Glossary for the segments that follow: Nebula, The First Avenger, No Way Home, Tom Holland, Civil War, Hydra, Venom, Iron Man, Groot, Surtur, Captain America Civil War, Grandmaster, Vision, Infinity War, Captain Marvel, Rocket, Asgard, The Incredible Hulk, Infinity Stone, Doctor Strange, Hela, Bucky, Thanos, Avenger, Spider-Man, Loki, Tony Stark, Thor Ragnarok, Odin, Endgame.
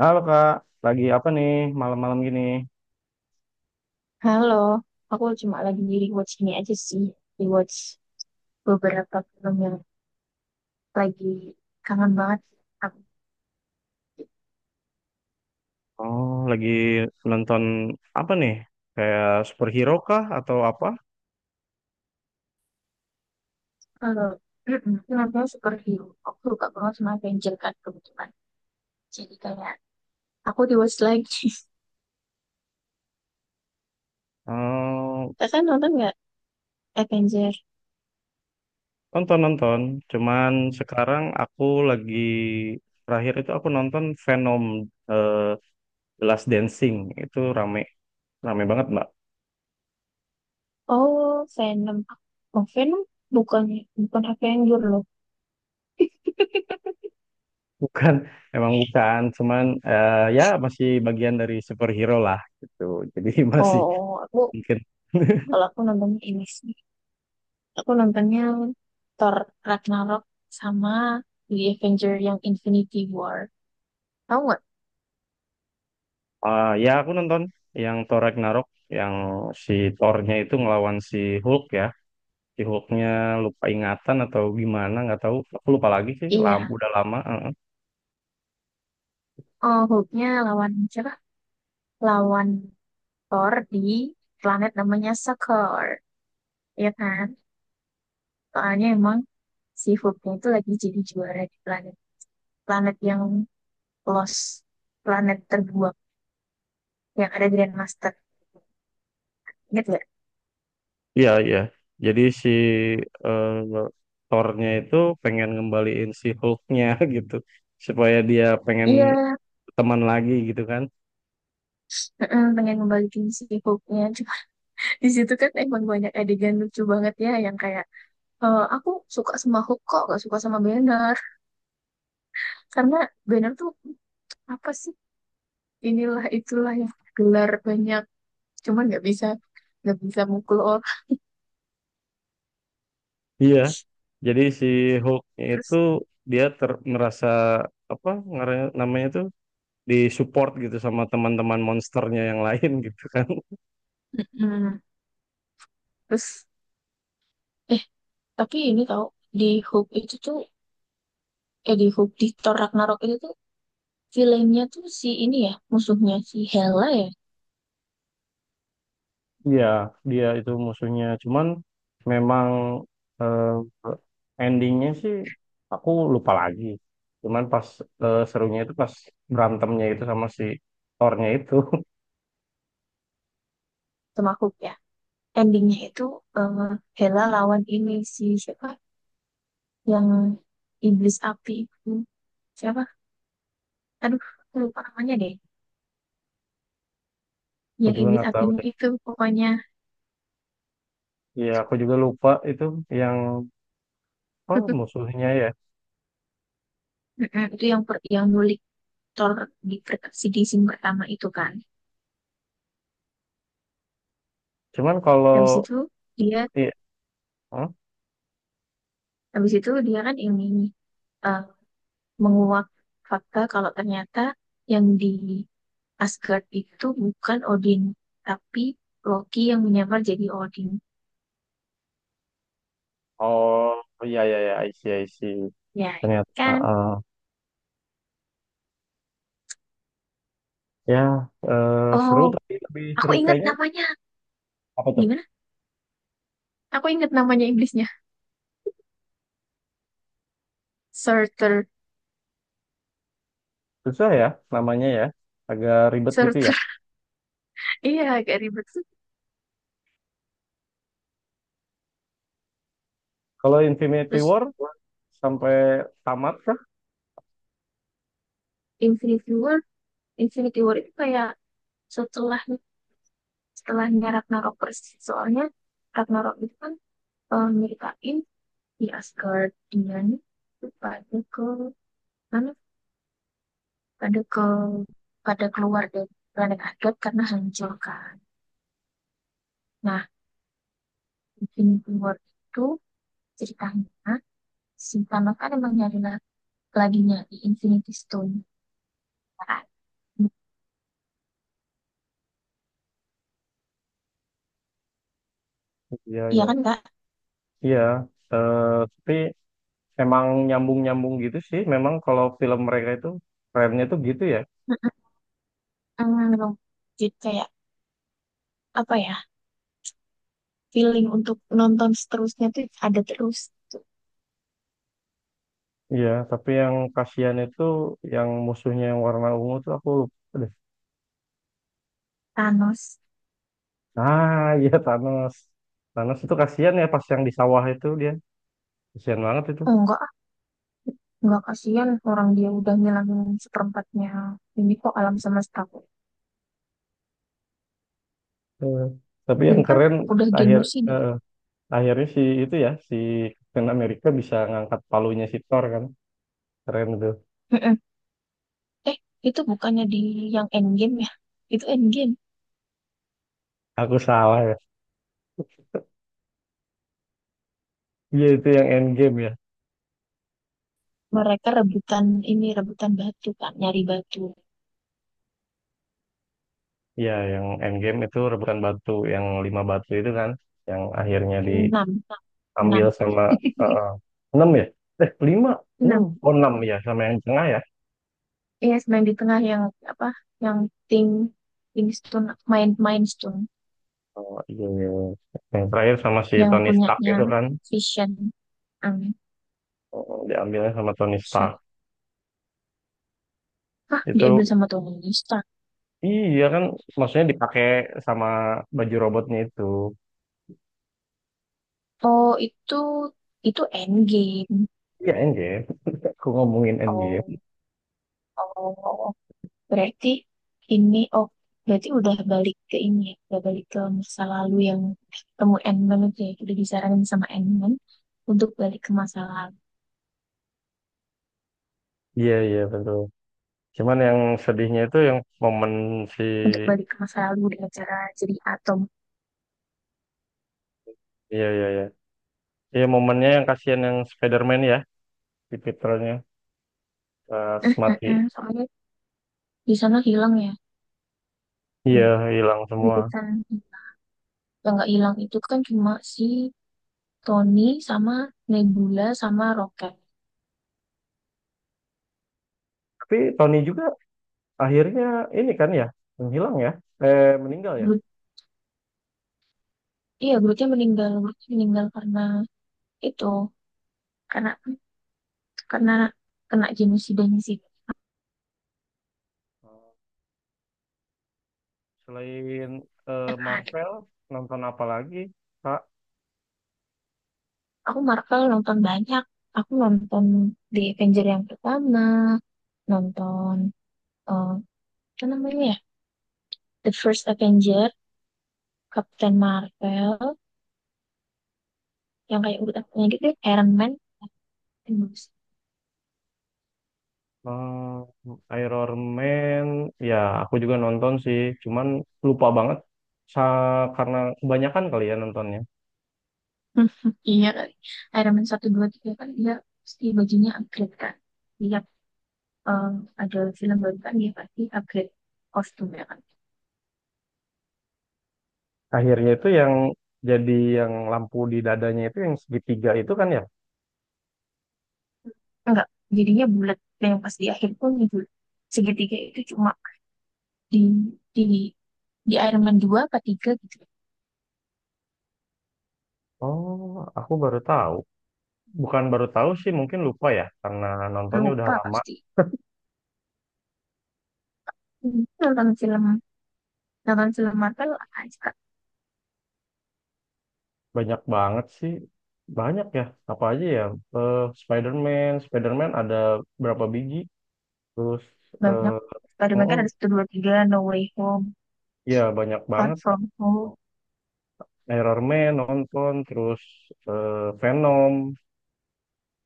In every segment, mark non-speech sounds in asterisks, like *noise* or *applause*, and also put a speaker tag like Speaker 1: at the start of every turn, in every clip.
Speaker 1: Halo Kak, lagi apa nih malam-malam gini?
Speaker 2: Halo, aku cuma lagi di rewatch ini aja sih, rewatch beberapa film yang lagi kangen banget. Aku
Speaker 1: Oh, lagi nonton apa nih? Kayak superhero kah atau apa?
Speaker 2: kalau mm-mm, filmnya *clears throat* superhero, aku suka banget sama Avenger kan kebetulan. Jadi kayak aku rewatch lagi. *laughs*
Speaker 1: Oh,
Speaker 2: Kakak nonton nggak Avenger?
Speaker 1: nonton-nonton. Cuman sekarang aku lagi terakhir itu aku nonton Venom eh, The Last Dancing. Itu rame, rame banget Mbak.
Speaker 2: Oh, Venom. Oh, Venom bukan bukan Avenger loh. *laughs*
Speaker 1: Bukan, *laughs* emang bukan. Cuman ya masih bagian dari superhero lah gitu. Jadi *laughs* masih
Speaker 2: Oh, aku
Speaker 1: mungkin. *laughs*
Speaker 2: kalau aku nonton ini sih. Aku nontonnya Thor Ragnarok sama The Avenger yang Infinity War. Tahu nggak?
Speaker 1: Ah, ya aku nonton yang Thor Ragnarok yang si Thor-nya itu ngelawan si Hulk ya. Si Hulk-nya lupa ingatan atau gimana nggak tahu. Aku lupa lagi sih. Lama,
Speaker 2: Iya.
Speaker 1: udah lama. Heeh.
Speaker 2: Oh, Hulk-nya lawan siapa? Lawan Thor di planet namanya Sakor. Ya kan? Soalnya emang si Hulk-nya itu lagi jadi juara di planet. Planet yang lost. Planet terbuang. Yang ada Grandmaster. Ingat nggak?
Speaker 1: Iya iya. Jadi si eh, Thor-nya itu pengen ngembaliin si Hulk-nya *laughs* gitu supaya dia pengen
Speaker 2: Iya,
Speaker 1: teman lagi gitu kan.
Speaker 2: pengen ngembalikin si Hulk-nya. Cuma *laughs* di situ kan emang banyak adegan lucu banget ya. Yang kayak aku suka sama hook kok, gak suka sama banner. Karena banner tuh apa sih? Inilah itulah yang gelar banyak. Cuman nggak bisa mukul orang.
Speaker 1: Iya. Jadi si Hulk itu
Speaker 2: Terus,
Speaker 1: dia ter merasa apa namanya itu di support gitu sama teman-teman monsternya yang lain *laughs* gitu kan.
Speaker 2: mm, terus, eh tapi ini tau di hook itu tuh, di hook di Thor Ragnarok itu tuh villainnya tuh si ini ya, musuhnya si Hela ya,
Speaker 1: Iya, dia itu musuhnya. Cuman memang eh, endingnya sih aku lupa lagi. Cuman pas serunya itu pas berantemnya itu sama si Thor-nya itu. *laughs*
Speaker 2: sama hook ya. Endingnya itu eh, Hela lawan ini si siapa? Yang iblis api itu siapa? Aduh, aku lupa namanya deh.
Speaker 1: Aku
Speaker 2: Yang
Speaker 1: juga
Speaker 2: iblis
Speaker 1: nggak tahu
Speaker 2: apinya
Speaker 1: deh.
Speaker 2: itu pokoknya. *laughs*
Speaker 1: Iya, aku juga lupa itu yang apa musuhnya ya.
Speaker 2: Mm-mm, itu yang nyulik Thor di scene pertama itu kan
Speaker 1: Cuman kalau
Speaker 2: habis itu dia
Speaker 1: iya, hmm?
Speaker 2: habis itu dia kan ini eh, menguak fakta kalau ternyata yang di Asgard itu bukan Odin tapi Loki yang menyamar jadi Odin,
Speaker 1: Oh iya iya iya, I see, I see.
Speaker 2: ya
Speaker 1: Ternyata, ah,
Speaker 2: kan?
Speaker 1: ah. Ya eh,
Speaker 2: Oh,
Speaker 1: seru tapi lebih
Speaker 2: aku
Speaker 1: seru
Speaker 2: ingat
Speaker 1: kayaknya.
Speaker 2: namanya
Speaker 1: Apa tuh?
Speaker 2: gimana aku ingat namanya iblisnya. Surtur
Speaker 1: Susah ya namanya ya. Agak ribet gitu ya.
Speaker 2: Surtur *laughs* Iya, agak ribet.
Speaker 1: Kalau Infinity
Speaker 2: Terus,
Speaker 1: War sampai tamat kah?
Speaker 2: Infinity War Infinity War itu kayak setelah setelahnya Ragnarok persis. Soalnya Ragnarok itu kan nyeritain di Asgard dia nih tuh pada ke mana pada ke pada keluar dari planet Asgard karena hancur kan. Nah, Infinity War itu ceritanya si Thanos kan emang lagi nyari Infinity Stone kan.
Speaker 1: Iya,
Speaker 2: Iya
Speaker 1: iya.
Speaker 2: kan Kak?
Speaker 1: Iya. Eh, tapi emang nyambung-nyambung gitu sih. Memang kalau film mereka itu kerennya tuh gitu ya.
Speaker 2: Mm, Jadi kayak apa ya, feeling untuk nonton seterusnya tuh ada terus.
Speaker 1: Iya, tapi yang kasihan itu yang musuhnya yang warna ungu tuh aku lupa deh.
Speaker 2: Thanos.
Speaker 1: Ah, iya Thanos. Thanos itu kasihan ya pas yang di sawah itu dia. Kasihan banget itu.
Speaker 2: Enggak, enggak kasihan orang dia udah ngilangin seperempatnya ini kok alam semesta kok.
Speaker 1: Eh, tapi
Speaker 2: Dia
Speaker 1: yang
Speaker 2: kan
Speaker 1: keren
Speaker 2: udah
Speaker 1: akhir
Speaker 2: genosida.
Speaker 1: eh, akhirnya si itu ya si Captain America bisa ngangkat palunya si Thor kan keren tuh.
Speaker 2: Mm-mm. Eh, itu bukannya di yang Endgame ya? Itu Endgame.
Speaker 1: Aku salah ya, iya itu yang Endgame ya.
Speaker 2: Mereka rebutan ini, rebutan batu kan, nyari batu.
Speaker 1: Iya yang Endgame itu rebutan batu yang lima batu itu kan yang akhirnya
Speaker 2: Enam, enam,
Speaker 1: diambil sama eh, eh, enam ya lima enam
Speaker 2: enam.
Speaker 1: oh enam ya sama yang tengah ya.
Speaker 2: Iya, yes, main di tengah yang apa? Yang Thing, Thing Stone, main main Stone,
Speaker 1: Oh, iya, iya, iya. Yang terakhir sama si
Speaker 2: yang
Speaker 1: Tony Stark
Speaker 2: punyanya
Speaker 1: itu kan.
Speaker 2: Vision. Amin.
Speaker 1: Oh, diambilnya sama Tony Stark
Speaker 2: Hah, diambil
Speaker 1: itu
Speaker 2: sama Tony Stark.
Speaker 1: iya kan maksudnya dipakai sama baju robotnya itu.
Speaker 2: Oh, itu endgame.
Speaker 1: Iya endgame. *laughs* Aku ngomongin
Speaker 2: Oh,
Speaker 1: endgame.
Speaker 2: oh, berarti ini oh udah balik ke ini ya, udah balik ke masa lalu yang ketemu Endman itu ya, udah disaranin sama Endman untuk balik ke masa lalu,
Speaker 1: Iya, iya, betul. Cuman yang sedihnya itu yang momen si...
Speaker 2: dengan cara jadi atom.
Speaker 1: Iya, iya, iya. Iya, momennya yang kasihan yang Spider-Man ya, si Peternya pas mati.
Speaker 2: Soalnya di sana hilang ya,
Speaker 1: Iya,
Speaker 2: iya,
Speaker 1: hilang semua.
Speaker 2: itu kan yang nggak hilang itu kan cuma si Tony sama Nebula sama Rocket.
Speaker 1: Tapi Tony juga akhirnya ini kan ya, menghilang ya, meninggal ya.
Speaker 2: Groot, iya Grootnya meninggal karena itu karena karena kena genosida sih
Speaker 1: Selain
Speaker 2: kan.
Speaker 1: Marvel, nonton apa lagi? Kak?
Speaker 2: Aku Marvel nonton banyak. Aku nonton The Avenger yang pertama, nonton eh apa namanya ya? The First Avenger, Captain Marvel, yang kayak urutannya gitu, ya, Iron Man, dan bagus.
Speaker 1: Hmm, Iron Man, ya aku juga nonton sih, cuman lupa banget karena kebanyakan kali ya nontonnya.
Speaker 2: *laughs* Iya kali. Iron Man 1, 2, 3 kan dia pasti bajunya upgrade kan. Dia eh, ada film baru kan dia pasti upgrade kostumnya kan.
Speaker 1: Akhirnya itu yang jadi yang lampu di dadanya itu yang segitiga itu kan ya?
Speaker 2: Enggak, jadinya bulat. Dan yang pas di akhir pun bulat. Segitiga itu cuma di di di Iron Man 2 apa 3 gitu,
Speaker 1: Oh, aku baru tahu. Bukan baru tahu sih, mungkin lupa ya karena nontonnya udah
Speaker 2: lupa
Speaker 1: lama.
Speaker 2: pasti. Nonton film Marvel aja
Speaker 1: Banyak banget sih. Banyak ya, apa aja ya? Eh, Spider-Man ada berapa biji? Terus eh,
Speaker 2: banyak.
Speaker 1: oh,
Speaker 2: Spider-Man kan
Speaker 1: oh,
Speaker 2: ada 1, 2, 3 No Way Home,
Speaker 1: ya banyak
Speaker 2: Far
Speaker 1: banget.
Speaker 2: From Home.
Speaker 1: Iron Man nonton terus Venom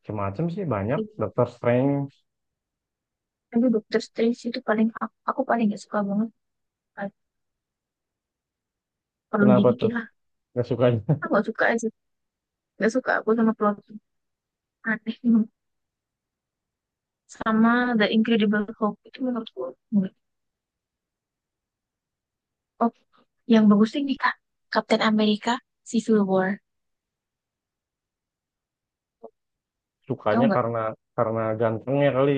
Speaker 1: macam-macam sih banyak Doctor Strange.
Speaker 2: Tapi Doctor Strange itu paling, aku paling gak suka banget, perlu
Speaker 1: Kenapa tuh
Speaker 2: dibikin lah.
Speaker 1: nggak sukanya?
Speaker 2: Aku gak suka aja, gak suka aku sama plot aneh sama The Incredible Hulk itu, menurutku. Oh, yang bagusnya ini Kak, Captain America Civil War,
Speaker 1: *laughs* Sukanya
Speaker 2: tau.
Speaker 1: karena gantengnya kali.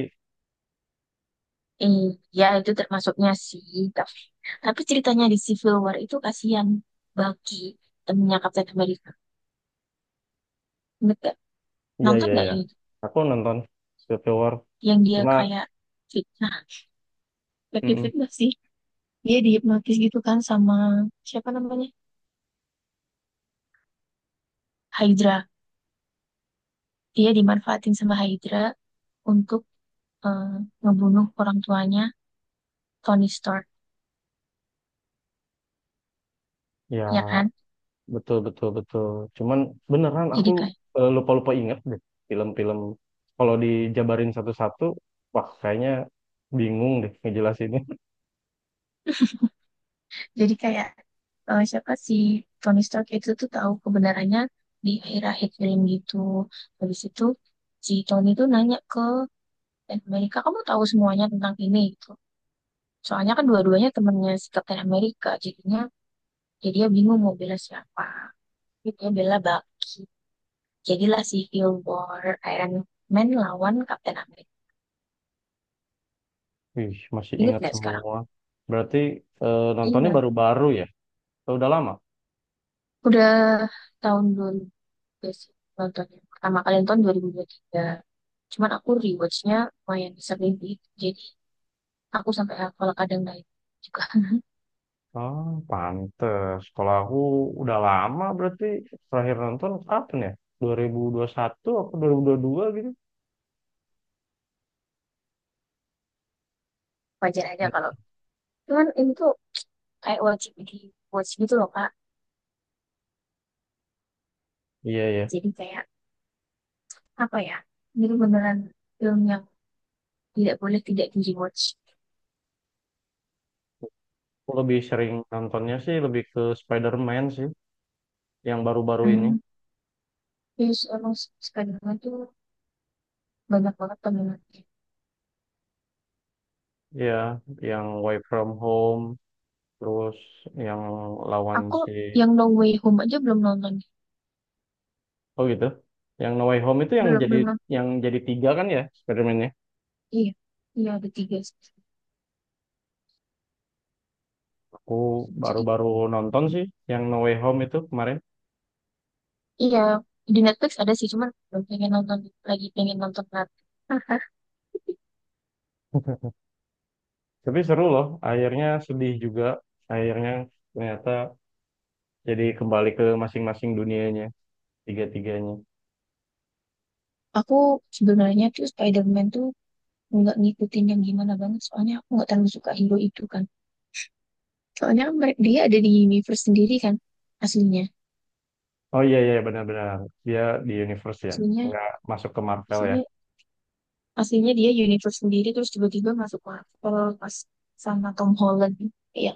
Speaker 2: Iya, itu termasuknya sih. Tapi, tapi, ceritanya di Civil War itu kasihan Bucky, temennya Captain America. Ingat nggak?
Speaker 1: Iya
Speaker 2: Nonton
Speaker 1: iya
Speaker 2: nggak
Speaker 1: iya
Speaker 2: yang itu?
Speaker 1: aku nonton Civil War
Speaker 2: Yang dia
Speaker 1: cuma
Speaker 2: kayak fitnah. Pakai
Speaker 1: mm-mm,
Speaker 2: fitnah sih. Dia dihipnotis gitu kan sama siapa namanya? Hydra. Dia dimanfaatin sama Hydra untuk eh, ngebunuh orang tuanya Tony Stark, ya
Speaker 1: ya
Speaker 2: kan?
Speaker 1: betul betul betul cuman beneran aku
Speaker 2: Jadi kayak
Speaker 1: lupa-lupa inget deh film-film kalau dijabarin satu-satu wah kayaknya bingung deh ngejelasinnya. *laughs*
Speaker 2: Jadi kayak siapa si Tony Stark itu tuh tahu kebenarannya di akhir-akhir film gitu. Habis itu si Tony tuh nanya ke Captain America, kamu tahu semuanya tentang ini gitu. Soalnya kan dua-duanya temennya si Captain America, jadinya dia bingung mau bela siapa. Jadi dia bela Bucky. Jadilah Civil War Iron Man lawan Captain America.
Speaker 1: Wih, masih
Speaker 2: Ingat
Speaker 1: ingat
Speaker 2: nggak sekarang?
Speaker 1: semua. Berarti nontonnya
Speaker 2: Ingat.
Speaker 1: baru-baru ya? Udah lama?
Speaker 2: Udah tahun 2000 juga sih, nonton yang pertama kali nonton 2023. Cuman aku rewatchnya lumayan sering gitu. Jadi aku sampai hafal kadang naik juga.
Speaker 1: Ah, pantes. Kalau aku udah lama berarti terakhir nonton kapan ya? 2021 atau 2022 gitu?
Speaker 2: *laughs* Wajar aja kalau. Cuman ini tuh kayak wajib di watch gitu loh Kak.
Speaker 1: Iya, iya.
Speaker 2: Jadi kayak apa ya? Ini tuh beneran film yang tidak boleh tidak di rewatch.
Speaker 1: Aku lebih sering nontonnya sih lebih ke Spider-Man sih, yang baru-baru ini.
Speaker 2: Hmm, Terus emang sekarang tuh banyak banget peminatnya.
Speaker 1: Iya, yang Way From Home, terus yang lawan
Speaker 2: Aku
Speaker 1: si...
Speaker 2: yang No Way Home aja belum nonton.
Speaker 1: Oh gitu? Yang No Way Home itu yang
Speaker 2: Belum
Speaker 1: menjadi
Speaker 2: belum nonton.
Speaker 1: yang jadi tiga kan ya Spider-Man-nya?
Speaker 2: Iya, iya ada tiga sih.
Speaker 1: Aku
Speaker 2: Jadi
Speaker 1: baru-baru nonton sih yang No Way Home itu kemarin.
Speaker 2: iya, di Netflix ada sih, cuman belum pengen nonton, lagi pengen nonton lagi. *laughs*
Speaker 1: Tapi seru loh, akhirnya sedih juga. Akhirnya ternyata jadi kembali ke masing-masing dunianya, tiga-tiganya.
Speaker 2: Aku sebenarnya tuh Spider-Man tuh nggak ngikutin yang gimana banget, soalnya aku nggak terlalu suka hero itu kan. Soalnya dia ada di universe sendiri kan, aslinya.
Speaker 1: Oh iya, iya benar-benar. Dia di universe ya,
Speaker 2: Aslinya,
Speaker 1: nggak masuk ke Marvel ya.
Speaker 2: aslinya, aslinya, dia universe sendiri, terus tiba-tiba masuk Marvel pas sama Tom Holland. Iya,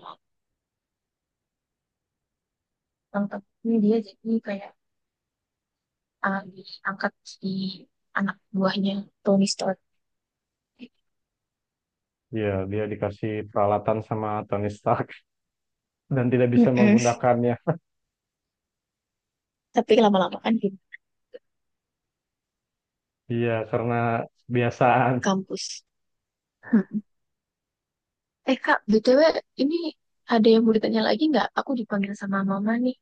Speaker 2: Tom Holland dia jadi kayak diangkat di anak buahnya Tony Stark.
Speaker 1: Iya, dia dikasih peralatan sama Tony Stark *laughs* dan tidak bisa
Speaker 2: Mm-mm.
Speaker 1: menggunakannya.
Speaker 2: Tapi lama-lama kan
Speaker 1: Iya, karena kebiasaan.
Speaker 2: kampus. Mm-mm. Eh Kak, BTW ini ada yang mau ditanya lagi nggak? Aku dipanggil sama mama nih.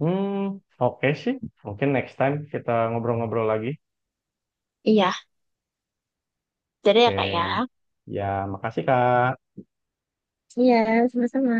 Speaker 1: Hmm, oke sih. Mungkin next time kita ngobrol-ngobrol lagi.
Speaker 2: Iya, jadi ya kak ya.
Speaker 1: Oke. Ya, makasih Kak.
Speaker 2: Iya, sama-sama.